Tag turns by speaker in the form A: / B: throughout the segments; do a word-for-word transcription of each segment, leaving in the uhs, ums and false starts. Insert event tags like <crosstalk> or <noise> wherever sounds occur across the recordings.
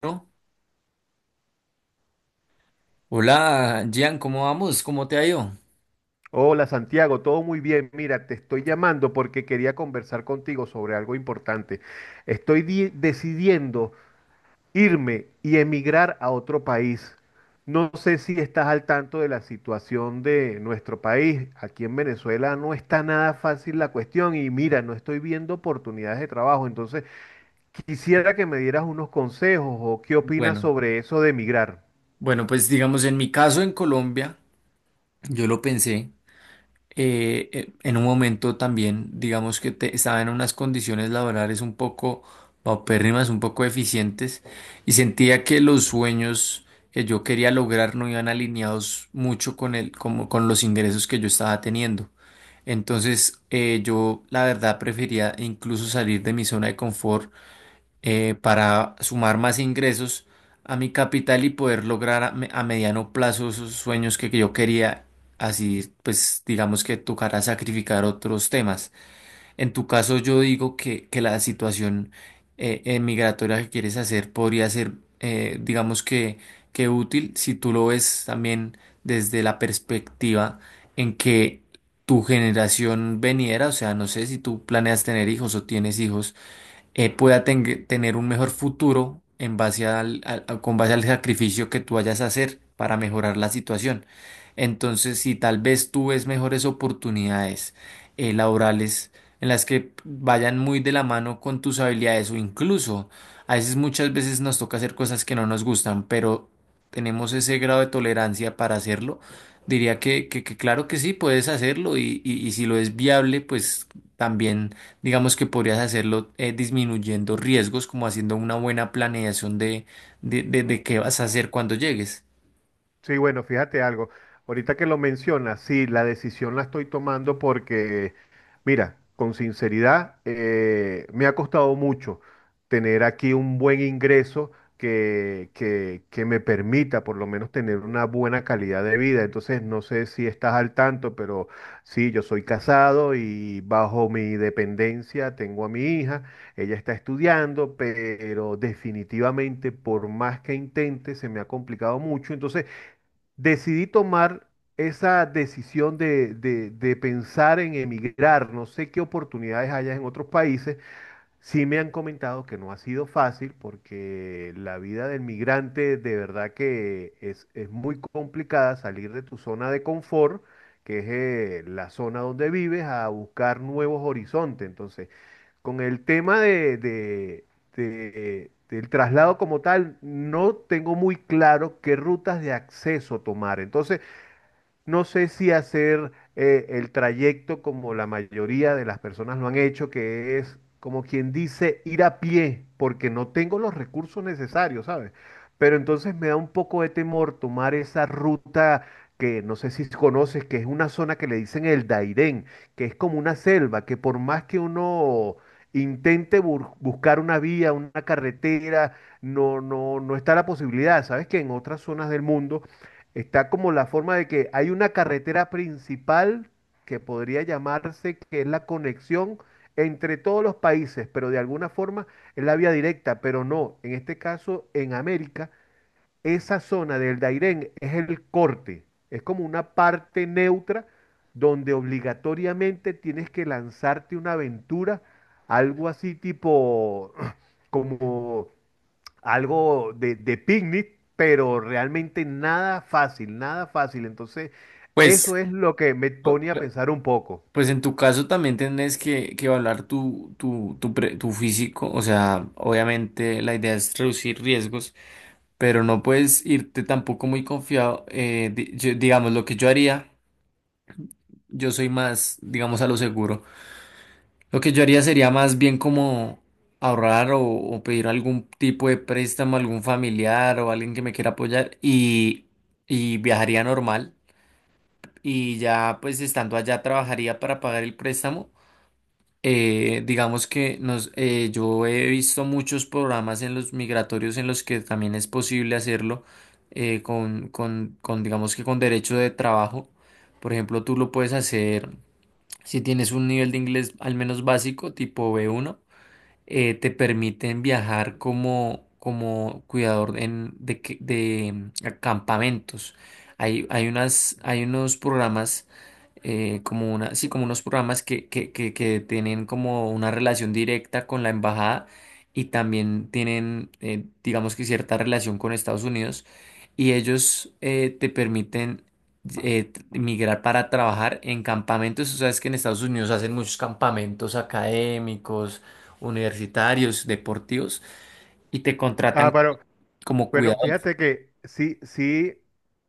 A: Bueno, hola, Gian, ¿cómo vamos? ¿Cómo te ha ido?
B: Hola Santiago, todo muy bien. Mira, te estoy llamando porque quería conversar contigo sobre algo importante. Estoy di- decidiendo irme y emigrar a otro país. No sé si estás al tanto de la situación de nuestro país. Aquí en Venezuela no está nada fácil la cuestión y mira, no estoy viendo oportunidades de trabajo. Entonces, quisiera que me dieras unos consejos o qué opinas
A: Bueno,
B: sobre eso de emigrar.
A: bueno, pues digamos, en mi caso en Colombia, yo lo pensé eh, eh, en un momento también, digamos que te- estaba en unas condiciones laborales un poco paupérrimas, un poco eficientes, y sentía que los sueños que yo quería lograr no iban alineados mucho con el, como, con los ingresos que yo estaba teniendo. Entonces, eh, yo la verdad prefería incluso salir de mi zona de confort, eh, para sumar más ingresos a mi capital y poder lograr a, me- a mediano plazo esos sueños que yo quería. Así, pues digamos que tocará sacrificar otros temas. En tu caso, yo digo que, que la situación eh, eh, migratoria que quieres hacer podría ser, eh, digamos que, que útil si tú lo ves también desde la perspectiva en que tu generación veniera, o sea, no sé si tú planeas tener hijos o tienes hijos, eh, pueda ten- tener un mejor futuro en base al, al- a- con base al sacrificio que tú vayas a hacer para mejorar la situación. Entonces, si tal vez tú ves mejores oportunidades eh, laborales en las que vayan muy de la mano con tus habilidades, o incluso a veces muchas veces nos toca hacer cosas que no nos gustan, pero tenemos ese grado de tolerancia para hacerlo. Diría que, que- que claro que sí, puedes hacerlo y, y y si lo es viable, pues también digamos que podrías hacerlo, eh, disminuyendo riesgos, como haciendo una buena planeación de, de, de- de qué vas a hacer cuando llegues.
B: Sí, bueno, fíjate algo. Ahorita que lo mencionas, sí, la decisión la estoy tomando porque, mira, con sinceridad, eh, me ha costado mucho tener aquí un buen ingreso que, que, que me permita por lo menos tener una buena calidad de vida. Entonces, no sé si estás al tanto, pero sí, yo soy casado y bajo mi dependencia tengo a mi hija. Ella está estudiando, pero definitivamente por más que intente, se me ha complicado mucho. Entonces, decidí tomar esa decisión de, de- de pensar en emigrar. No sé qué oportunidades hayas en otros países. Sí me han comentado que no ha sido fácil porque la vida del migrante de verdad que es, es muy complicada salir de tu zona de confort, que es eh, la zona donde vives, a buscar nuevos horizontes. Entonces, con el tema de, de- de- del traslado como tal, no tengo muy claro qué rutas de acceso tomar. Entonces, no sé si hacer eh, el trayecto como la mayoría de las personas lo han hecho, que es como quien dice ir a pie, porque no tengo los recursos necesarios, ¿sabes? Pero entonces me da un poco de temor tomar esa ruta que no sé si conoces, que es una zona que le dicen el Dairén, que es como una selva, que por más que uno intente bur- buscar una vía, una carretera, no, no, no está la posibilidad. Sabes que en otras zonas del mundo está como la forma de que hay una carretera principal que podría llamarse que es la conexión entre todos los países, pero de alguna forma es la vía directa, pero no, en este caso en América, esa zona del Dairén es el corte, es como una parte neutra donde obligatoriamente tienes que lanzarte una aventura, algo así tipo <clears throat> como algo de, de picnic, pero realmente nada fácil, nada fácil. Entonces, eso
A: Pues,
B: es lo que me
A: pu-
B: pone a
A: pu-
B: pensar un poco.
A: pues en tu caso también tienes que, que evaluar tu, tu, tu, pre- tu físico. O sea, obviamente la idea es reducir riesgos, pero no puedes irte tampoco muy confiado. Eh, di- yo- digamos, lo que yo haría, yo soy más, digamos, a lo seguro. Lo que yo haría sería más bien como ahorrar o, o pedir algún tipo de préstamo a algún familiar o alguien que me quiera apoyar, y, y viajaría normal. Y ya pues estando allá trabajaría para pagar el préstamo. Eh, digamos que nos, eh, yo he visto muchos programas en los migratorios en los que también es posible hacerlo eh, con, con, con digamos que con derecho de trabajo. Por ejemplo, tú lo puedes hacer si tienes un nivel de inglés al menos básico, tipo b uno. Eh, te permiten viajar como, como cuidador en, de, que- de mm, campamentos. Hay, hay unas, hay unos programas, eh, como una, sí, como unos programas que, que, que, que tienen como una relación directa con la embajada, y también tienen, eh, digamos que cierta relación con Estados Unidos, y ellos eh, te permiten eh, t- migrar para trabajar en campamentos. Tú sabes que en Estados Unidos hacen muchos campamentos académicos, universitarios, deportivos, y te
B: Ah,
A: contratan
B: pero
A: como
B: bueno,
A: cuidador,
B: fíjate que sí, sí,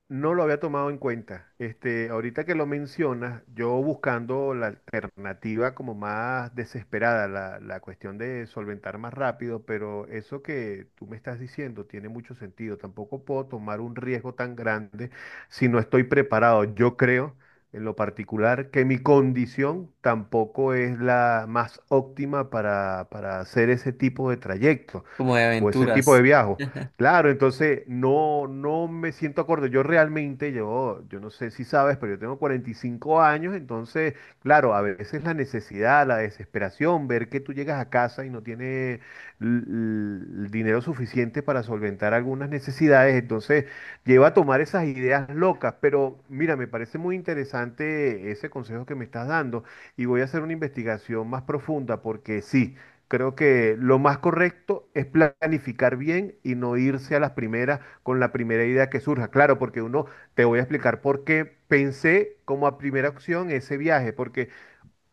B: no lo había tomado en cuenta. Este, ahorita que lo mencionas, yo buscando la alternativa como más desesperada, la, la cuestión de solventar más rápido, pero eso que tú me estás diciendo tiene mucho sentido. Tampoco puedo tomar un riesgo tan grande si no estoy preparado. Yo creo, en lo particular, que mi condición tampoco es la más óptima para, para hacer ese tipo de trayectos
A: como de
B: o ese tipo de
A: aventuras.
B: viajes. Claro, entonces no, no me siento acorde. Yo realmente, yo, yo no sé si sabes, pero yo tengo cuarenta y cinco años, entonces, claro, a veces la necesidad, la desesperación, ver que tú llegas a casa y no tienes l- l- el dinero suficiente para solventar algunas necesidades, entonces lleva a tomar esas ideas locas. Pero mira, me parece muy interesante ese consejo que me estás dando y voy a hacer una investigación más profunda porque sí. Creo que lo más correcto es planificar bien y no irse a las primeras con la primera idea que surja. Claro, porque uno, te voy a explicar por qué pensé como a primera opción ese viaje, porque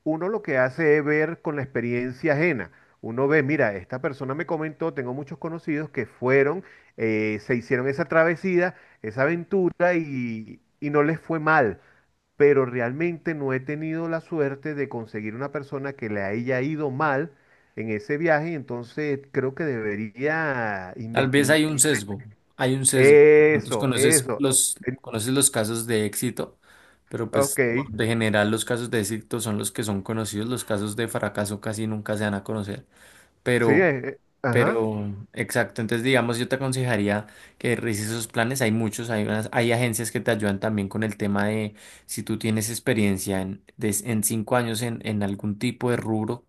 B: uno lo que hace es ver con la experiencia ajena. Uno ve, mira, esta persona me comentó, tengo muchos conocidos que fueron, eh, se hicieron esa travesía, esa aventura y, y no les fue mal pero realmente no he tenido la suerte de conseguir una persona que le haya ido mal en ese viaje, entonces creo que debería
A: Tal vez
B: investigar.
A: hay un sesgo, hay un sesgo. Entonces
B: Eso,
A: conoces
B: eso.
A: los,
B: En-
A: conoces los casos de éxito, pero
B: Ok,
A: pues por de general los casos de éxito son los que son conocidos; los casos de fracaso casi nunca se van a conocer.
B: sí,
A: Pero,
B: eh, eh, ajá.
A: pero, exacto. Entonces, digamos, yo te aconsejaría que revises esos planes. Hay muchos, hay unas, hay agencias que te ayudan también con el tema de si tú tienes experiencia en, des- en cinco años en, en algún tipo de rubro.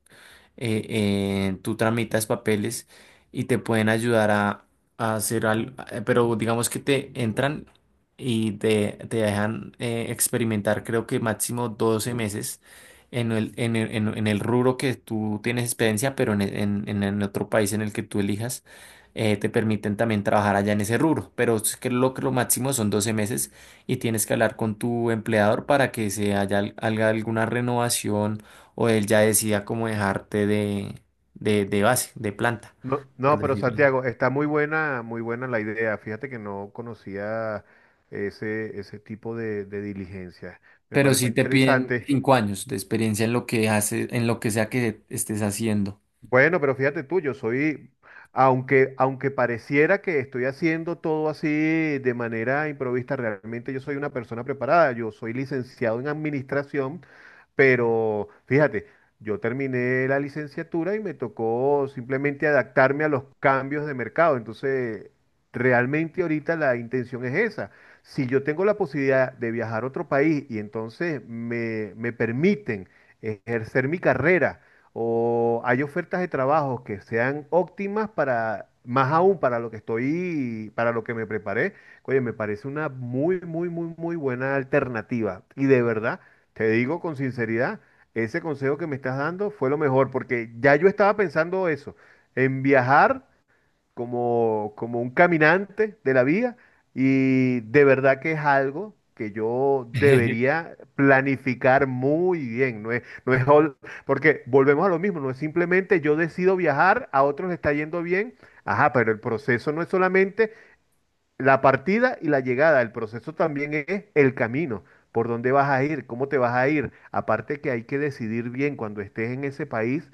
A: eh, eh, Tú tramitas papeles y te pueden ayudar a, a hacer algo, pero digamos que te entran y te, te dejan eh, experimentar, creo que máximo doce meses en el, en el, en- en el rubro que tú tienes experiencia, pero en, en, en- en otro país en el que tú elijas. Eh, te permiten también trabajar allá en ese rubro, pero es que lo, que lo máximo son doce meses, y tienes que hablar con tu empleador para que se haya, al- haga alguna renovación, o él ya decida cómo dejarte de, de, de base, de planta,
B: No, no,
A: por
B: pero
A: decirlo.
B: Santiago, está muy buena, muy buena la idea. Fíjate que no conocía ese, ese tipo de, de diligencia. Me
A: Pero
B: parece
A: sí te piden
B: interesante.
A: cinco años de experiencia en lo que haces, en lo que sea que estés haciendo.
B: Bueno, pero fíjate tú, yo soy, aunque, aunque pareciera que estoy haciendo todo así de manera improvista, realmente yo soy una persona preparada. Yo soy licenciado en administración pero fíjate, yo terminé la licenciatura y me tocó simplemente adaptarme a los cambios de mercado. Entonces, realmente ahorita la intención es esa. Si yo tengo la posibilidad de viajar a otro país y entonces me, me permiten ejercer mi carrera o hay ofertas de trabajo que sean óptimas para, más aún para lo que estoy, para lo que me preparé, oye, me parece una muy, muy, muy, muy buena alternativa. Y de verdad. Te digo con sinceridad, ese consejo que me estás dando fue lo mejor, porque ya yo estaba pensando eso, en viajar como, como un caminante de la vida, y de verdad que es algo que yo
A: <laughs>
B: debería planificar muy bien, no es, no es, ol- porque volvemos a lo mismo, no es simplemente yo decido viajar, a otros les está yendo bien, ajá, pero el proceso no es solamente la partida y la llegada, el proceso también es el camino, por dónde vas a ir, cómo te vas a ir. Aparte que hay que decidir bien cuando estés en ese país,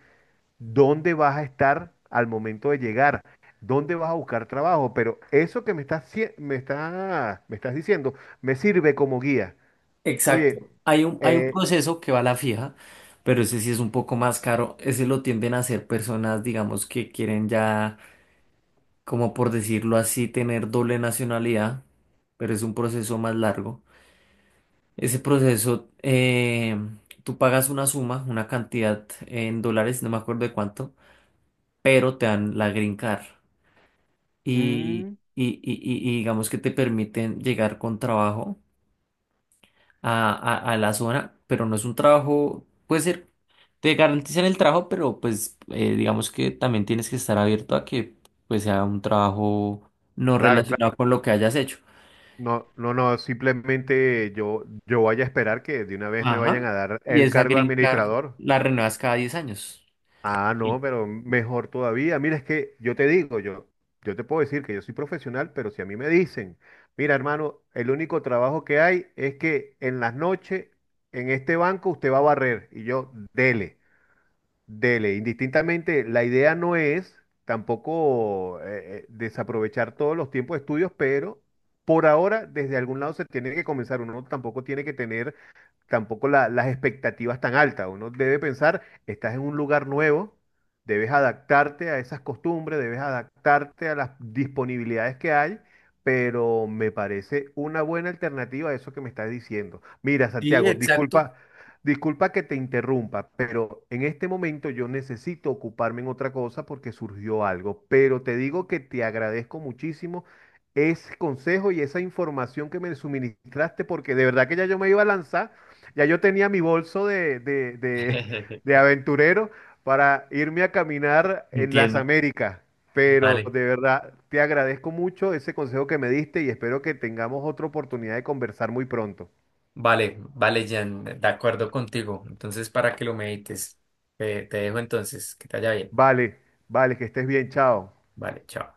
B: dónde vas a estar al momento de llegar, dónde vas a buscar trabajo. Pero eso que me estás, cie- me está- me estás diciendo me sirve como guía. Oye,
A: Exacto. Hay un, hay un
B: eh,
A: proceso que va a la fija, pero ese sí es un poco más caro. Ese lo tienden a hacer personas, digamos, que quieren ya, como por decirlo así, tener doble nacionalidad, pero es un proceso más largo. Ese proceso, eh, tú pagas una suma, una cantidad en dólares, no me acuerdo de cuánto, pero te dan la green card y,
B: mm,
A: y- y- y- y digamos que te permiten llegar con trabajo a, a- a la zona, pero no es un trabajo, puede ser, te garantizan el trabajo, pero pues eh, digamos que también tienes que estar abierto a que pues sea un trabajo no
B: claro,
A: relacionado
B: claro.
A: con lo que hayas hecho.
B: No, no, no, simplemente yo, yo voy a esperar que de una vez me vayan
A: Ajá.
B: a dar
A: Y
B: el
A: esa
B: cargo de
A: green card
B: administrador.
A: la renuevas cada diez años.
B: Ah, no, pero mejor todavía. Mira, es que yo te digo, yo, yo te puedo decir que yo soy profesional, pero si a mí me dicen, mira, hermano, el único trabajo que hay es que en las noches en este banco usted va a barrer y yo, dele, dele. Indistintamente, la idea no es tampoco eh, eh, desaprovechar todos los tiempos de estudios, pero por ahora desde algún lado se tiene que comenzar. Uno tampoco tiene que tener tampoco la- las expectativas tan altas. Uno debe pensar, estás en un lugar nuevo, debes adaptarte a esas costumbres, debes adaptarte a las disponibilidades que hay, pero me parece una buena alternativa a eso que me estás diciendo. Mira,
A: Sí,
B: Santiago,
A: exacto.
B: disculpa, disculpa que te interrumpa, pero en este momento yo necesito ocuparme en otra cosa porque surgió algo, pero te digo que te agradezco muchísimo ese consejo y esa información que me suministraste porque de verdad que ya yo me iba a lanzar ya yo tenía mi bolso de, de, de- de
A: <laughs>
B: aventurero para irme a caminar en las
A: Entiendo.
B: Américas, pero
A: Vale,
B: de verdad te agradezco mucho ese consejo que me diste y espero que tengamos otra oportunidad de conversar muy pronto.
A: vale, vale, Jan, de acuerdo contigo. Entonces, para que lo medites, te, te dejo entonces, que te vaya bien.
B: Vale, vale, que estés bien, chao.
A: Vale, chao.